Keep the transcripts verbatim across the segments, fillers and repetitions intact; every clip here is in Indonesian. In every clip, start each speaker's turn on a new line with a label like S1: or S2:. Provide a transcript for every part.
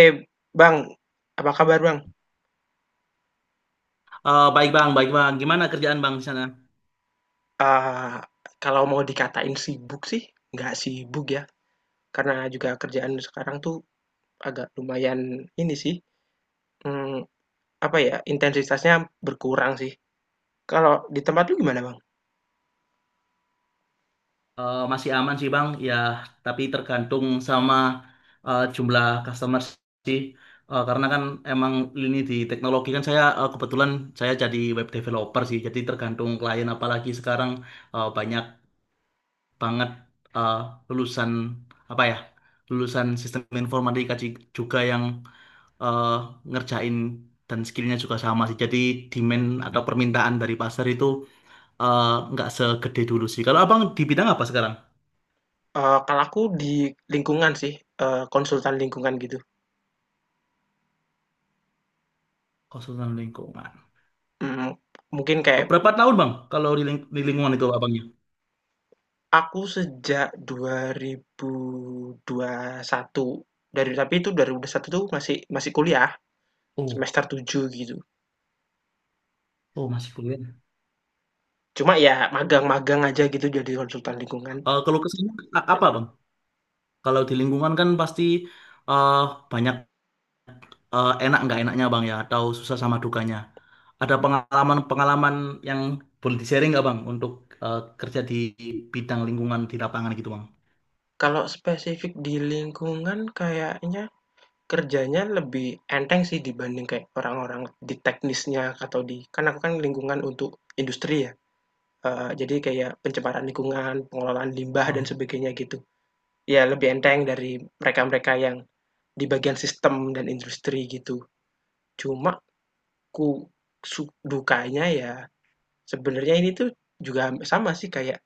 S1: Eh, Bang, apa kabar, Bang?
S2: Eh, baik bang, baik bang. Gimana kerjaan bang di sana?
S1: Eee, kalau mau dikatain sibuk sih, nggak sibuk ya, karena juga kerjaan sekarang tuh agak lumayan ini sih, mmm, apa ya, intensitasnya berkurang sih. Kalau di tempat lu gimana, Bang?
S2: Eh, masih aman sih bang, ya. Tapi tergantung sama eh, jumlah customer sih. Eh, karena kan emang ini di teknologi kan saya eh, kebetulan saya jadi web developer sih. Jadi tergantung klien. Apalagi sekarang eh, banyak banget eh, lulusan apa ya, lulusan sistem informatika ji- juga yang eh, ngerjain dan skillnya juga sama sih. Jadi demand atau permintaan dari pasar itu eh, nggak segede dulu sih. Kalau abang di bidang apa sekarang?
S1: Eee, kalau aku di lingkungan sih, eee, konsultan lingkungan gitu,
S2: Konsultan lingkungan.
S1: mhm, mungkin
S2: Oh,
S1: kayak
S2: berapa tahun bang? Kalau di, ling- di lingkungan itu abangnya?
S1: aku sejak dua ribu dua puluh satu dari tapi itu dua ribu dua puluh satu tuh masih masih kuliah
S2: Oh,
S1: semester tujuh gitu.
S2: oh masih kuliah.
S1: Cuma ya magang-magang aja gitu jadi konsultan lingkungan.
S2: Eh, kalau kesini apa bang? Kalau di lingkungan kan pasti eh, banyak, eh, enak nggak enaknya bang ya, atau susah sama dukanya. Ada pengalaman-pengalaman yang boleh di-sharing nggak bang untuk eh, kerja di bidang lingkungan di lapangan gitu
S1: Kalau spesifik di lingkungan kayaknya kerjanya lebih enteng sih dibanding kayak orang-orang di teknisnya atau di kan aku kan lingkungan untuk industri ya, eee, jadi kayak pencemaran lingkungan, pengelolaan limbah dan
S2: bang?
S1: sebagainya gitu. Ya lebih enteng dari mereka-mereka yang di bagian sistem dan industri gitu. Cuma ku su dukanya ya sebenarnya ini tuh juga sama sih kayak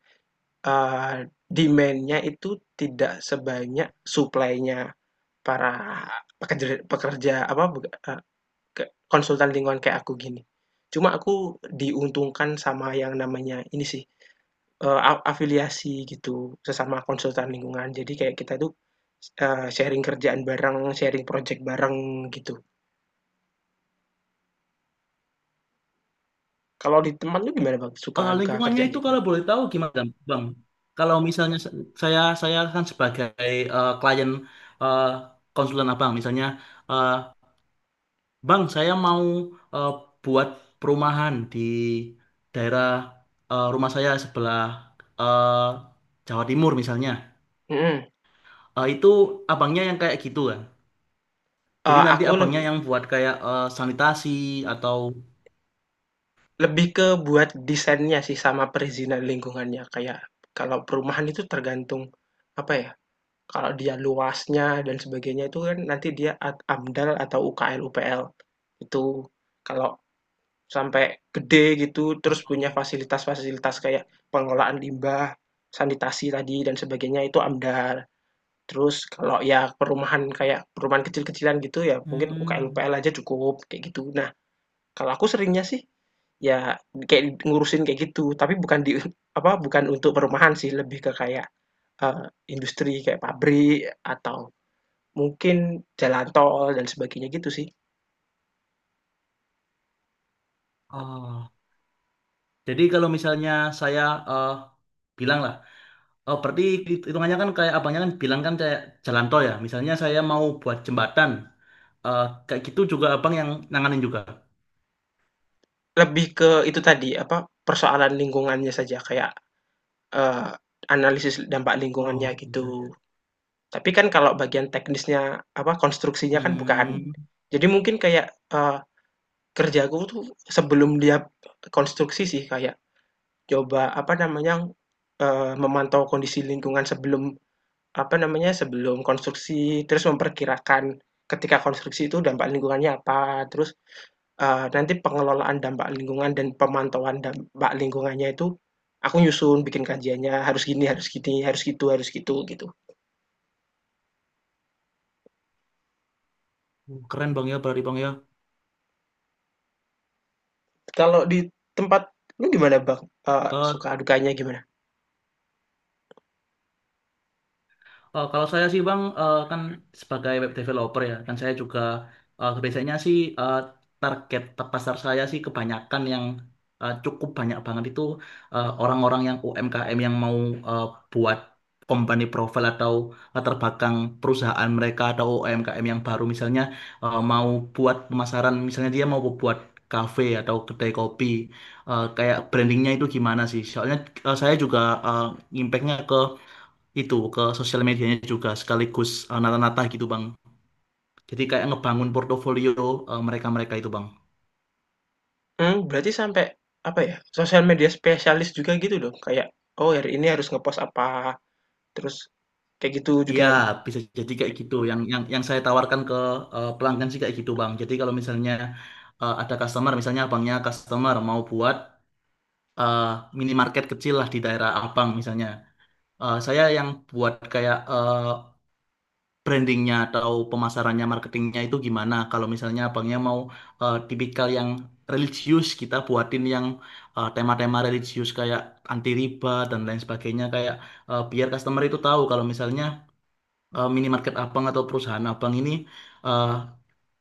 S1: Eee, demand-nya itu tidak sebanyak supply-nya para pekerja pekerja apa, konsultan lingkungan kayak aku gini. Cuma aku diuntungkan sama yang namanya ini sih, eee, afiliasi gitu, sesama konsultan lingkungan. Jadi kayak kita tuh, eee, sharing kerjaan bareng, sharing project bareng gitu. Kalau di teman lu gimana Bang, suka
S2: Eh,
S1: duka
S2: lingkungannya
S1: kerjaannya
S2: itu
S1: gitu?
S2: kalau boleh tahu gimana, Bang? Kalau misalnya se- saya saya kan sebagai eh, klien eh, konsulen Abang, misalnya, eh, Bang, saya mau eh, buat perumahan di daerah eh, rumah saya sebelah eh, Jawa Timur misalnya.
S1: Mhm,
S2: Eh, itu abangnya yang kayak gitu kan. Jadi
S1: eee,
S2: nanti
S1: aku
S2: abangnya
S1: lebih
S2: yang buat kayak eh, sanitasi atau.
S1: Lebih ke buat desainnya sih sama perizinan lingkungannya, kayak kalau perumahan itu tergantung, apa ya, kalau dia luasnya dan sebagainya itu kan nanti dia at AMDAL atau U K L-U P L. Itu kalau sampai gede gitu terus punya
S2: Oh.
S1: fasilitas-fasilitas kayak pengelolaan limbah, sanitasi tadi dan sebagainya itu AMDAL. Terus kalau ya perumahan kayak perumahan kecil-kecilan gitu ya mungkin
S2: Hmm.
S1: U K L-U P L aja cukup, kayak gitu. Nah, kalau aku seringnya sih ya, kayak ngurusin kayak gitu, tapi bukan di apa, bukan untuk perumahan sih, lebih ke kayak, eee, industri kayak pabrik atau mungkin jalan tol dan sebagainya gitu sih.
S2: Oh. Jadi kalau misalnya saya eh, bilang lah. Oh, berarti hitungannya kan kayak abangnya kan bilang kan kayak jalan tol ya. Misalnya saya mau buat jembatan, eh, kayak gitu juga abang yang nanganin juga.
S1: Lebih ke itu tadi, apa, persoalan lingkungannya saja kayak, eee, analisis dampak lingkungannya
S2: Oh, gitu, ya.
S1: gitu. Tapi kan kalau bagian teknisnya, apa, konstruksinya kan
S2: Hmm,
S1: bukan. Jadi mungkin kayak, eee, kerjaku tuh sebelum dia konstruksi sih, kayak coba apa namanya, eee, memantau kondisi lingkungan sebelum apa namanya, sebelum konstruksi, terus memperkirakan ketika konstruksi itu dampak lingkungannya apa, terus, eee, nanti pengelolaan dampak lingkungan dan pemantauan dampak lingkungannya itu aku nyusun, bikin kajiannya, harus gini harus gini, harus gitu harus gitu, gitu.
S2: keren bang ya, berarti bang ya.
S1: Kalau di tempat lu gimana, Bang? Eee,
S2: Eh,
S1: suka dukanya gimana?
S2: Eh, kalau saya sih Bang, eh, kan sebagai web developer ya, dan saya juga eh, biasanya sih eh, target pasar saya sih kebanyakan yang eh, cukup banyak banget itu eh, orang-orang yang U M K M yang mau eh, buat company profile atau latar belakang perusahaan mereka atau U M K M yang baru misalnya eh, mau buat pemasaran, misalnya dia mau buat kafe atau kedai kopi. Eh, kayak brandingnya itu gimana sih? Soalnya eh, saya juga eh, impactnya ke itu ke sosial medianya juga sekaligus eh, nata-nata gitu Bang. Jadi kayak ngebangun portofolio eh, mereka-mereka itu Bang.
S1: Hmm berarti sampai apa ya, sosial media spesialis juga gitu dong? Kayak, oh hari ini harus ngepost apa terus kayak gitu juga,
S2: Iya, bisa jadi kayak gitu. Yang yang yang saya tawarkan ke eh, pelanggan sih kayak gitu Bang. Jadi kalau misalnya eh, ada customer, misalnya abangnya customer mau buat eh, minimarket kecil lah di daerah abang misalnya. Eh, saya yang buat kayak eh, brandingnya atau pemasarannya, marketingnya itu gimana. Kalau misalnya abangnya mau eh, tipikal yang religius, kita buatin yang eh, tema-tema religius kayak anti riba dan lain sebagainya, kayak eh, biar customer itu tahu kalau misalnya eh, minimarket abang atau perusahaan abang ini eh,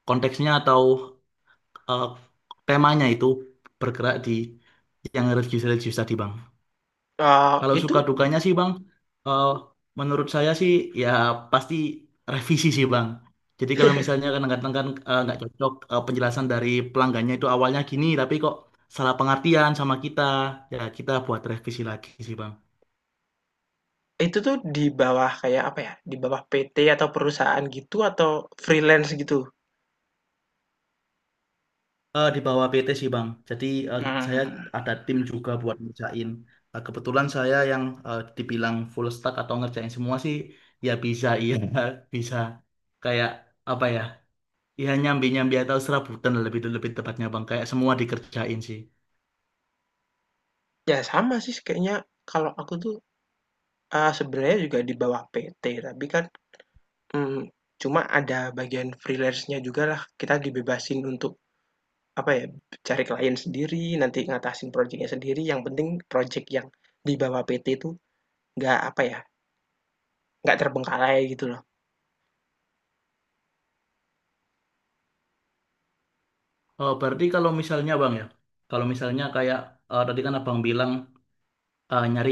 S2: konteksnya atau eh, temanya itu bergerak di yang religius-religius tadi, Bang.
S1: eee,
S2: Kalau suka
S1: itu
S2: dukanya sih Bang, eh, menurut saya sih ya pasti revisi sih Bang. Jadi kalau misalnya kadang-kadang kan eh, nggak cocok, eh, penjelasan dari pelanggannya itu awalnya gini, tapi kok salah pengertian sama kita, ya kita buat revisi lagi sih Bang.
S1: itu tuh di bawah kayak apa ya, di bawah P T atau perusahaan gitu atau freelance gitu?
S2: Eh, di bawah P T sih Bang. Jadi eh,
S1: Mhm
S2: saya
S1: mhm.
S2: ada tim juga buat ngerjain. Eh, kebetulan saya yang eh, dibilang full stack atau ngerjain semua sih, ya bisa iya bisa kayak apa ya? Ya nyambi-nyambi atau serabutan lah lebih lebih tepatnya bang. Kayak semua dikerjain sih.
S1: Ya sama sih kayaknya kalau aku tuh, eee, sebenarnya juga di bawah P T tapi kan, mmm, cuma ada bagian freelance-nya juga lah kita dibebasin untuk apa ya, cari klien sendiri, nanti ngatasin projeknya sendiri, yang penting projek yang di bawah P T itu nggak apa ya, nggak terbengkalai gitu loh.
S2: Oh, berarti kalau misalnya bang ya, kalau misalnya kayak eh, tadi kan abang bilang eh, nyari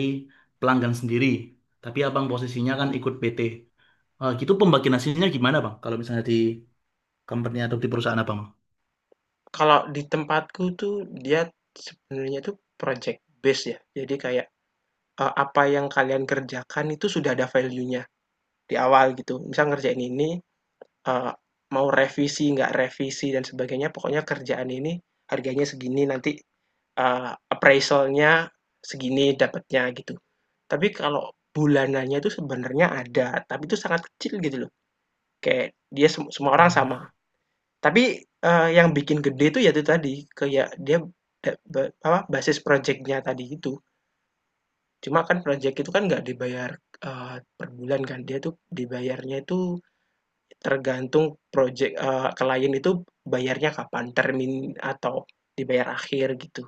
S2: pelanggan sendiri, tapi abang posisinya kan ikut P T. Eh, gitu pembagian hasilnya gimana bang? Kalau misalnya di company atau di perusahaan abang?
S1: Kalau di tempatku tuh dia sebenarnya tuh project based ya. Jadi kayak, eee, apa yang kalian kerjakan itu sudah ada value-nya di awal gitu. Misal ngerjain ini, eee, mau revisi, nggak revisi dan sebagainya, pokoknya kerjaan ini harganya segini, nanti, eee, appraisal segini dapatnya gitu. Tapi kalau bulanannya itu sebenarnya ada, tapi itu sangat kecil gitu loh. Kayak dia sem semua orang sama
S2: Oh.
S1: tapi, eee, yang bikin gede itu ya itu tadi, kayak dia da ba apa, basis projeknya tadi itu. Cuma kan projek itu kan nggak dibayar, eee, per bulan kan, dia tuh dibayarnya itu tergantung projek eee, klien itu bayarnya kapan, termin atau dibayar akhir gitu.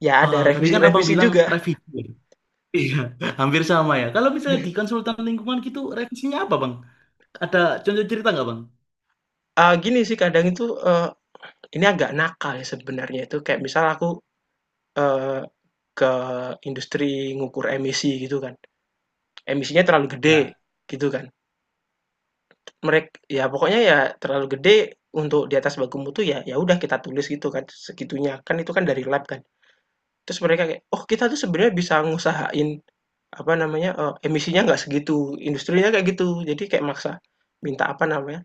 S1: Ya ada
S2: Eh, tadi kan abang
S1: revisi-revisi
S2: bilang
S1: juga.
S2: revisi, ya? Iya, hampir sama ya. Kalau misalnya di konsultan lingkungan gitu, revisinya apa bang? Ada contoh cerita nggak bang?
S1: Eee, gini sih kadang itu, eee, ini agak nakal ya sebenarnya itu kayak misal aku, eee, ke industri ngukur emisi gitu kan. Emisinya terlalu gede,
S2: Ya.
S1: gitu kan. Mereka ya pokoknya ya terlalu gede untuk di atas baku mutu ya ya udah kita tulis gitu kan, segitunya. Kan itu kan dari lab kan. Terus mereka kayak, "Oh, kita tuh sebenarnya bisa ngusahain, apa namanya, eee, emisinya nggak segitu." Industrinya kayak gitu. Jadi kayak maksa minta, apa namanya,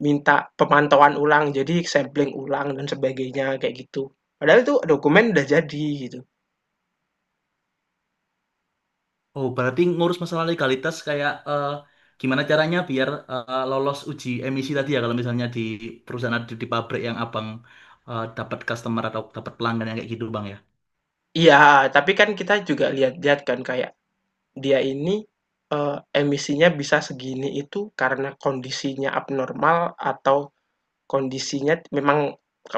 S1: minta pemantauan ulang, jadi sampling ulang dan sebagainya, kayak gitu. Padahal itu dokumen udah jadi, gitu.
S2: Oh, berarti ngurus masalah legalitas kayak eh, gimana caranya biar eh, lolos uji emisi tadi ya kalau misalnya di perusahaan di, di pabrik yang abang eh, dapat customer atau dapat pelanggan yang kayak gitu bang ya.
S1: Iya, tapi kan kita juga lihat-lihat kan kayak dia ini, eee, emisinya bisa segini itu karena kondisinya abnormal atau kondisinya memang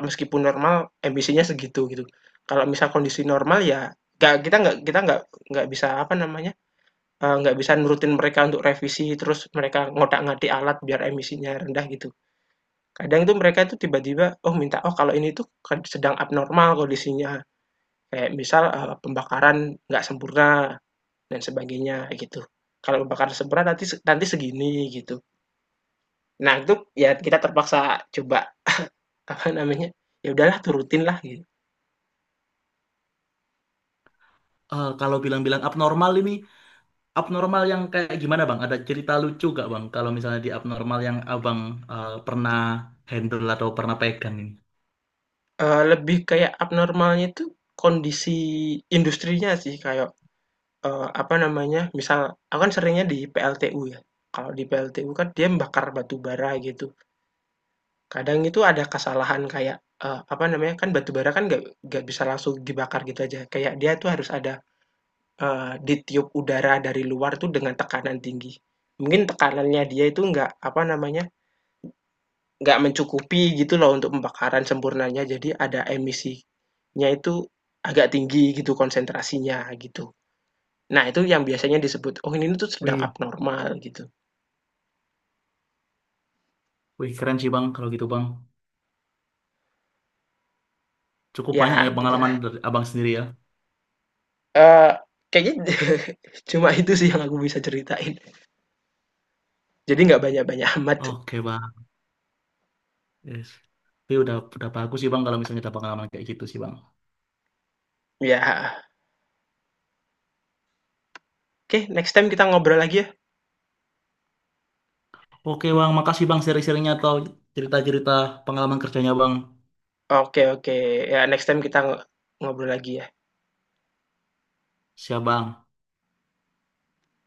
S1: meskipun normal emisinya segitu gitu. Kalau misal kondisi normal ya nggak kita nggak kita nggak nggak bisa apa namanya, eee, nggak uh, bisa nurutin mereka untuk revisi terus mereka ngotak-ngatik alat biar emisinya rendah gitu. Kadang itu mereka itu tiba-tiba, oh minta, "Oh kalau ini tuh kan sedang abnormal kondisinya," kayak misal, eee, pembakaran nggak sempurna dan sebagainya gitu. Kalau bakar seberat nanti nanti segini gitu. Nah, itu ya kita terpaksa coba apa namanya? Ya udahlah turutin lah gitu.
S2: Eh, kalau bilang-bilang abnormal ini abnormal yang kayak gimana bang? Ada cerita lucu gak bang? Kalau misalnya di abnormal yang abang eh, pernah handle atau pernah pegang ini.
S1: Eh, lebih kayak abnormalnya itu kondisi industrinya sih kayak eh, apa namanya? Misal aku kan seringnya di P L T U ya. Kalau di P L T U kan dia membakar batu bara gitu. Kadang itu ada kesalahan kayak eh, apa namanya? Kan batu bara kan gak gak bisa langsung dibakar gitu aja. Kayak dia tuh harus ada Eee, ditiup udara dari luar tuh dengan tekanan tinggi. Mungkin tekanannya dia itu nggak, apa namanya, nggak mencukupi gitu loh untuk pembakaran sempurnanya, jadi ada emisinya itu agak tinggi gitu konsentrasinya, gitu. Nah, itu yang biasanya disebut, "Oh, ini tuh sedang
S2: Wih,
S1: abnormal," gitu.
S2: wih keren sih bang kalau gitu bang. Cukup
S1: Ya
S2: banyak ya pengalaman
S1: gitulah,
S2: dari abang sendiri ya.
S1: eee, kayaknya cuma itu sih yang aku bisa ceritain. Jadi nggak banyak-banyak amat.
S2: Oke bang. Yes. Tapi udah udah bagus sih Bang kalau misalnya ada pengalaman kayak gitu sih Bang.
S1: Ya, heeh. Oke, okay, next time kita ngobrol lagi ya.
S2: Oke Bang, makasih Bang sharing-sharingnya atau cerita-cerita pengalaman kerjanya Bang.
S1: Oke okay, oke, okay. Ya next time kita ngobrol lagi ya.
S2: Siap Bang.